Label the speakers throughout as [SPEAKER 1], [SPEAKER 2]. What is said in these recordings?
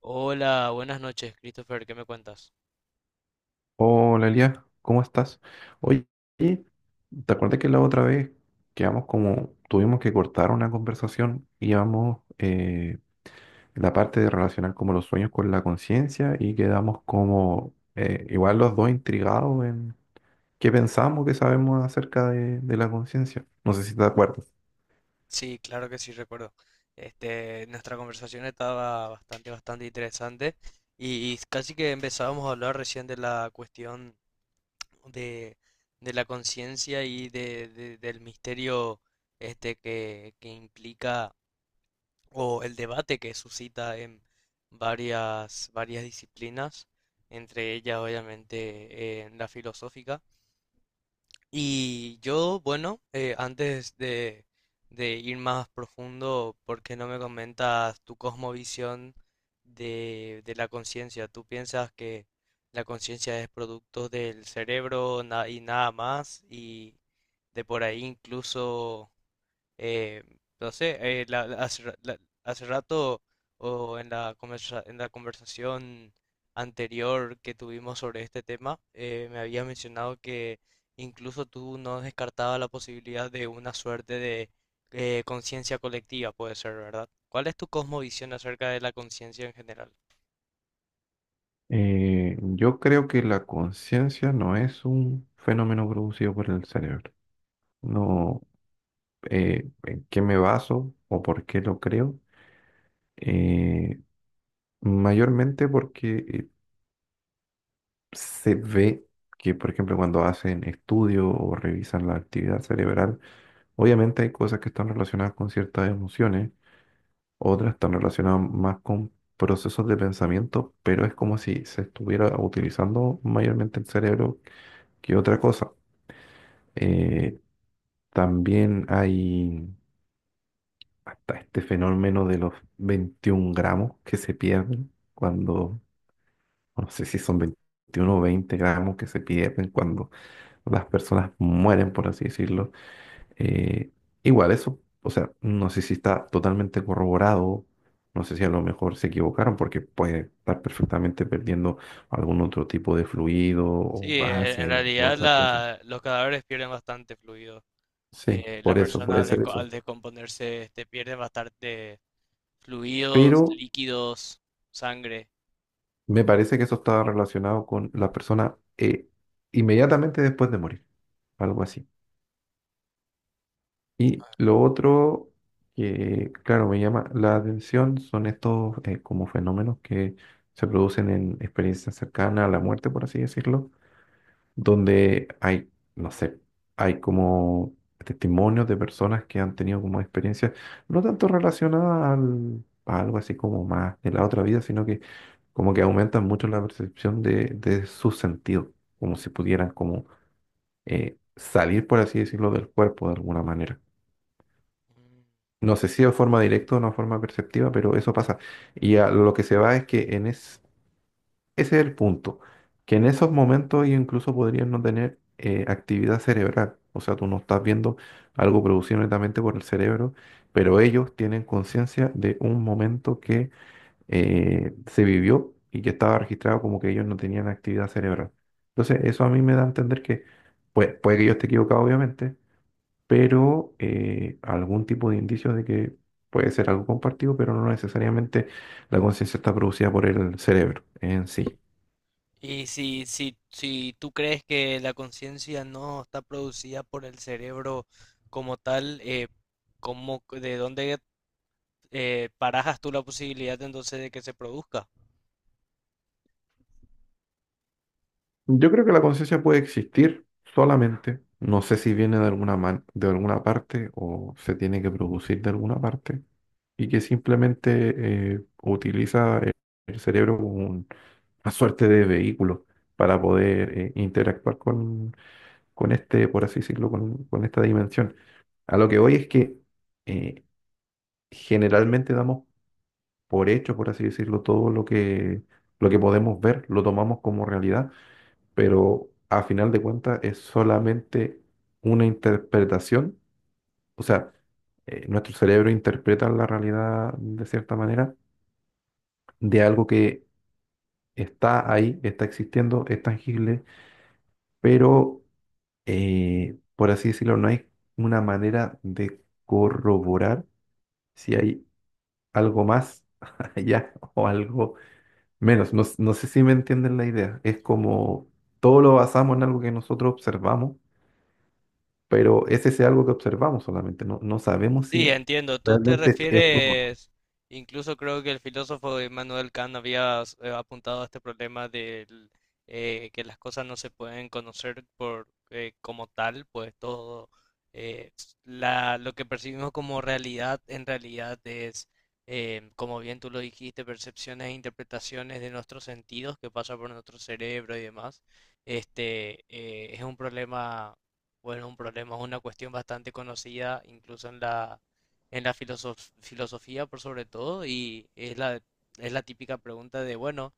[SPEAKER 1] Hola, buenas noches, Christopher, ¿qué me cuentas?
[SPEAKER 2] Hola Elia, ¿cómo estás? Oye, ¿te acuerdas que la otra vez quedamos como, tuvimos que cortar una conversación y llevamos la parte de relacionar como los sueños con la conciencia y quedamos como igual los dos intrigados en qué pensamos, ¿qué sabemos acerca de la conciencia? No sé si te acuerdas.
[SPEAKER 1] Sí, claro que sí, recuerdo. Nuestra conversación estaba bastante interesante y casi que empezábamos a hablar recién de la cuestión de, de la conciencia y del misterio que implica o el debate que suscita en varias disciplinas, entre ellas obviamente en la filosófica. Y yo, bueno, antes de ir más profundo, ¿por qué no me comentas tu cosmovisión de la conciencia? ¿Tú piensas que la conciencia es producto del cerebro y nada más? Y de por ahí incluso eh, no sé, hace rato o en la en la conversación anterior que tuvimos sobre este tema, me habías mencionado que incluso tú no descartabas la posibilidad de una suerte de conciencia colectiva, puede ser, ¿verdad? ¿Cuál es tu cosmovisión acerca de la conciencia en general?
[SPEAKER 2] Yo creo que la conciencia no es un fenómeno producido por el cerebro. No, ¿en qué me baso o por qué lo creo? eh, Mayormente porque se ve que, por ejemplo, cuando hacen estudio o revisan la actividad cerebral, obviamente hay cosas que están relacionadas con ciertas emociones, otras están relacionadas más con procesos de pensamiento, pero es como si se estuviera utilizando mayormente el cerebro que otra cosa. Eh, también hay hasta este fenómeno de los 21 gramos que se pierden cuando, no sé si son 21 o 20 gramos, que se pierden cuando las personas mueren, por así decirlo. Eh, igual eso, o sea, no sé si está totalmente corroborado, no sé si a lo mejor se equivocaron porque puede estar perfectamente perdiendo algún otro tipo de fluido
[SPEAKER 1] Sí,
[SPEAKER 2] o
[SPEAKER 1] en
[SPEAKER 2] base o
[SPEAKER 1] realidad
[SPEAKER 2] otra cosa.
[SPEAKER 1] los cadáveres pierden bastante fluido.
[SPEAKER 2] Sí,
[SPEAKER 1] Las
[SPEAKER 2] por eso,
[SPEAKER 1] personas
[SPEAKER 2] puede ser eso.
[SPEAKER 1] al descomponerse, pierden bastante fluidos,
[SPEAKER 2] Pero
[SPEAKER 1] líquidos, sangre.
[SPEAKER 2] me parece que eso estaba relacionado con la persona inmediatamente después de morir, algo así. Y lo otro que, claro, me llama la atención son estos como fenómenos que se producen en experiencias cercanas a la muerte, por así decirlo, donde hay, no sé, hay como testimonios de personas que han tenido como experiencias no tanto relacionadas a algo así como más de la otra vida, sino que como que aumentan mucho la percepción de su sentido, como si pudieran como salir, por así decirlo, del cuerpo de alguna manera.
[SPEAKER 1] Mm.
[SPEAKER 2] No sé si de forma directa o de forma perceptiva, pero eso pasa. Y a lo que se va es que ese es el punto, que en esos momentos ellos incluso podrían no tener actividad cerebral. O sea, tú no estás viendo algo producido netamente por el cerebro, pero ellos tienen conciencia de un momento que se vivió y que estaba registrado como que ellos no tenían actividad cerebral. Entonces, eso a mí me da a entender que, pues, puede que yo esté equivocado, obviamente, pero algún tipo de indicios de que puede ser algo compartido, pero no necesariamente la conciencia está producida por el cerebro en sí.
[SPEAKER 1] Si tú crees que la conciencia no está producida por el cerebro como tal, ¿ de dónde barajas tú la posibilidad entonces de que se produzca?
[SPEAKER 2] Yo creo que la conciencia puede existir solamente, no sé si viene de de alguna parte o se tiene que producir de alguna parte, y que simplemente utiliza el cerebro como una suerte de vehículo para poder interactuar con este, por así decirlo, con esta dimensión. A lo que voy es que eh, generalmente damos por hecho, por así decirlo, todo lo que podemos ver, lo tomamos como realidad, pero a final de cuentas es solamente una interpretación, o sea, nuestro cerebro interpreta la realidad de cierta manera, de algo que está ahí, está existiendo, es tangible, pero por así decirlo, no hay una manera de corroborar si hay algo más allá o algo menos. No, no sé si me entienden la idea. Es como todo lo basamos en algo que nosotros observamos, pero es ese algo que observamos solamente. No, no sabemos
[SPEAKER 1] Sí,
[SPEAKER 2] si
[SPEAKER 1] entiendo.
[SPEAKER 2] realmente es todo.
[SPEAKER 1] Incluso creo que el filósofo Immanuel Kant había apuntado a este problema de que las cosas no se pueden conocer por como tal, pues todo lo que percibimos como realidad en realidad es, como bien tú lo dijiste, percepciones e interpretaciones de nuestros sentidos que pasa por nuestro cerebro y demás. Este es un problema bueno, Un problema es una cuestión bastante conocida, incluso en en la filosofía por sobre todo, y es es la típica pregunta de, bueno,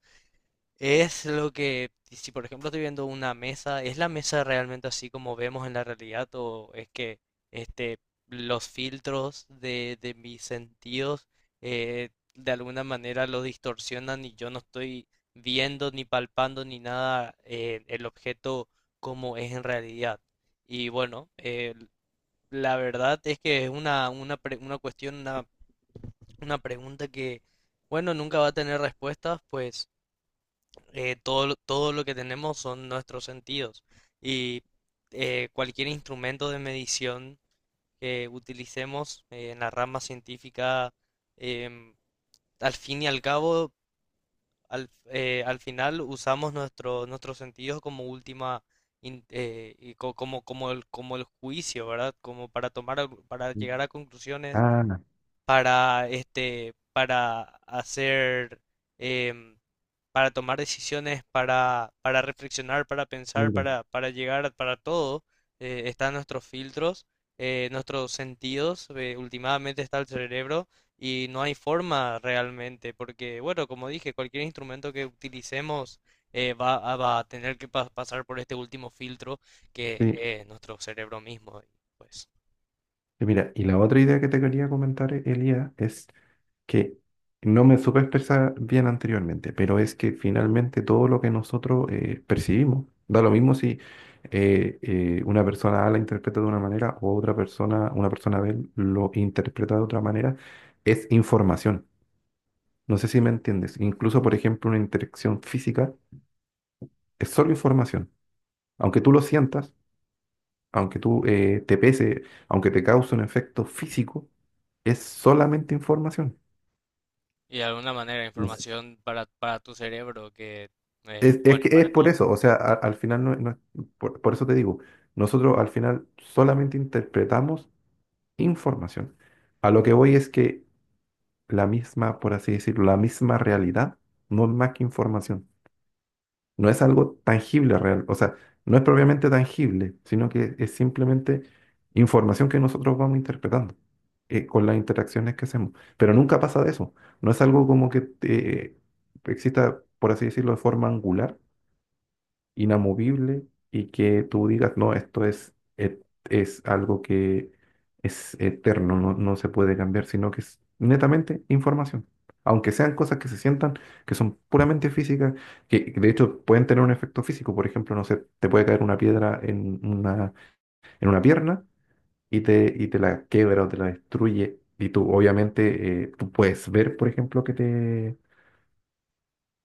[SPEAKER 1] es lo que, si por ejemplo estoy viendo una mesa, ¿es la mesa realmente así como vemos en la realidad o es que este, los filtros de mis sentidos de alguna manera lo distorsionan y yo no estoy viendo ni palpando ni nada el objeto como es en realidad? Y bueno, la verdad es que es una cuestión, una pregunta bueno, nunca va a tener respuestas, pues todo lo que tenemos son nuestros sentidos y cualquier instrumento de medición que utilicemos en la rama científica, em, al fin y al cabo, al final usamos nuestros sentidos como última, in- y co- como, como como el juicio, ¿verdad? Como para tomar, para llegar a conclusiones,
[SPEAKER 2] Ah,
[SPEAKER 1] para para hacer, em, para tomar decisiones, para reflexionar, para pensar,
[SPEAKER 2] mira.
[SPEAKER 1] para llegar, para todo, están nuestros filtros, nuestros sentidos, últimamente está el cerebro y no hay forma realmente, porque bueno, como dije, cualquier instrumento que utilicemos va a tener que pasar por este último filtro que
[SPEAKER 2] Sí.
[SPEAKER 1] es nuestro cerebro mismo, y, pues.
[SPEAKER 2] Y mira, y la otra idea que te quería comentar, Elia, es que no me supe expresar bien anteriormente, pero es que finalmente todo lo que nosotros percibimos, da lo mismo si una persona A la interpreta de una manera o otra persona, una persona B lo interpreta de otra manera, es información. No sé si me entiendes. Incluso, por ejemplo, una interacción física es solo información. Aunque tú lo sientas, aunque tú te pese, aunque te cause un efecto físico, es solamente información.
[SPEAKER 1] Y de alguna manera
[SPEAKER 2] Es,
[SPEAKER 1] información para tu cerebro que,
[SPEAKER 2] es
[SPEAKER 1] bueno,
[SPEAKER 2] que es
[SPEAKER 1] para ti
[SPEAKER 2] por eso, o
[SPEAKER 1] mismo.
[SPEAKER 2] sea, al final por eso te digo, nosotros al final solamente interpretamos información. A lo que voy es que la misma, por así decirlo, la misma realidad no es más que información. No es algo tangible real, o sea, no es propiamente tangible, sino que es simplemente información que nosotros vamos interpretando con las interacciones que hacemos. Pero nunca pasa de eso, no es algo como que exista, por así decirlo, de forma angular, inamovible y que tú digas, no, es algo que es eterno, no, no se puede cambiar, sino que es netamente información. Aunque sean cosas que se sientan, que son puramente físicas, que de hecho pueden tener un efecto físico, por ejemplo, no sé, te puede caer una piedra en una pierna y te la quiebra o te la destruye. Y tú, obviamente, tú puedes ver, por ejemplo,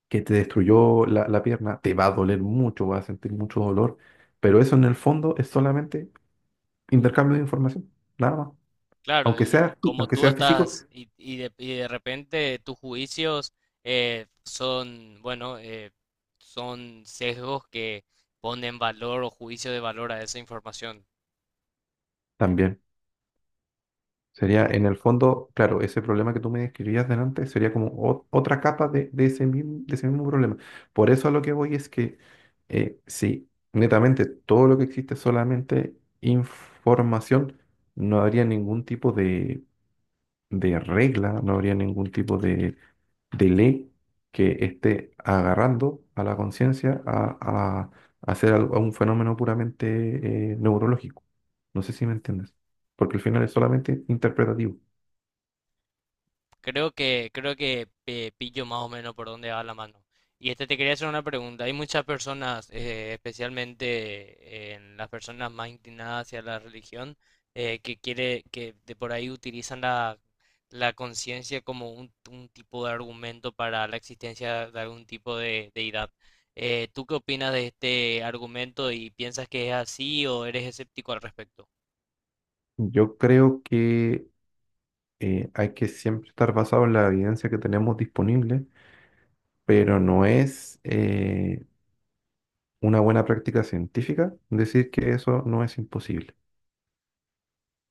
[SPEAKER 2] que te destruyó la pierna, te va a doler mucho, vas a sentir mucho dolor, pero eso en el fondo es solamente intercambio de información, nada más.
[SPEAKER 1] Claro, y como
[SPEAKER 2] Aunque
[SPEAKER 1] tú
[SPEAKER 2] sea físico,
[SPEAKER 1] estás, y de repente tus juicios bueno, son sesgos que ponen valor o juicio de valor a esa información.
[SPEAKER 2] también. Sería en el fondo, claro, ese problema que tú me describías delante sería como otra capa de ese mismo problema. Por eso a lo que voy es que si netamente todo lo que existe es solamente información, no habría ningún tipo de regla, no habría ningún tipo de ley que esté agarrando a la conciencia a hacer a un fenómeno puramente neurológico. No sé si me entiendes, porque al final es solamente interpretativo.
[SPEAKER 1] Creo que pillo más o menos por dónde va la mano. Y este te quería hacer una pregunta. Hay muchas personas, especialmente en las personas más inclinadas hacia la religión, que quiere, que de por ahí utilizan la conciencia como un tipo de argumento para la existencia de algún tipo de deidad. ¿Tú qué opinas de este argumento y piensas que es así o eres escéptico al respecto?
[SPEAKER 2] Yo creo que hay que siempre estar basado en la evidencia que tenemos disponible, pero no es una buena práctica científica decir que eso no es imposible,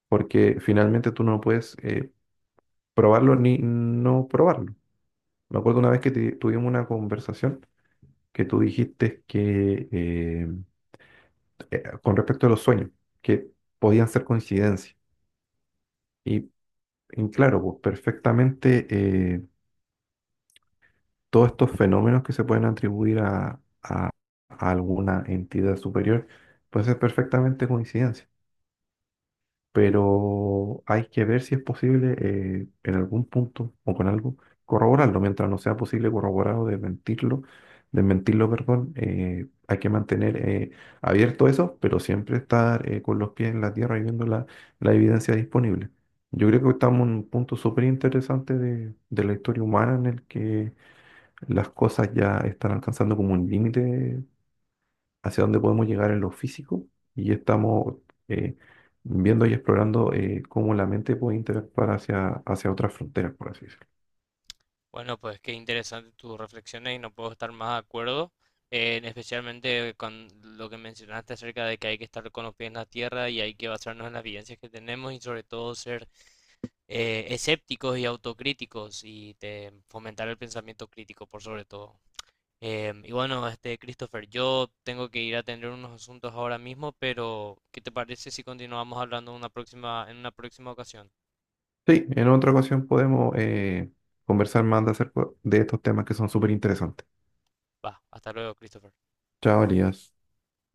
[SPEAKER 2] porque finalmente tú no puedes probarlo ni no probarlo. Me acuerdo una vez que tuvimos una conversación que tú dijiste que con respecto a los sueños, que podían ser coincidencias. Y, y claro, pues perfectamente todos estos fenómenos que se pueden atribuir a alguna entidad superior, pueden ser perfectamente coincidencia. Pero hay que ver si es posible en algún punto o con algo corroborarlo. Mientras no sea posible corroborarlo, desmentirlo, perdón, hay que mantener abierto eso, pero siempre estar con los pies en la tierra y viendo la, la evidencia disponible. Yo creo que estamos en un punto súper interesante de la historia humana en el que las cosas ya están alcanzando como un límite hacia dónde podemos llegar en lo físico y estamos eh, viendo y explorando cómo la mente puede interactuar hacia, hacia otras fronteras, por así decirlo.
[SPEAKER 1] Bueno, pues qué interesante tus reflexiones y no puedo estar más de acuerdo, en especialmente con lo que mencionaste acerca de que hay que estar con los pies en la tierra y hay que basarnos en las evidencias que tenemos y sobre todo ser escépticos y autocríticos y fomentar el pensamiento crítico por sobre todo. Y bueno, este Christopher, yo tengo que ir a atender unos asuntos ahora mismo, pero ¿qué te parece si continuamos hablando en una próxima ocasión?
[SPEAKER 2] Sí, en otra ocasión podemos conversar más de acerca de estos temas que son súper interesantes.
[SPEAKER 1] Va, hasta luego, Christopher.
[SPEAKER 2] Chao, Elías.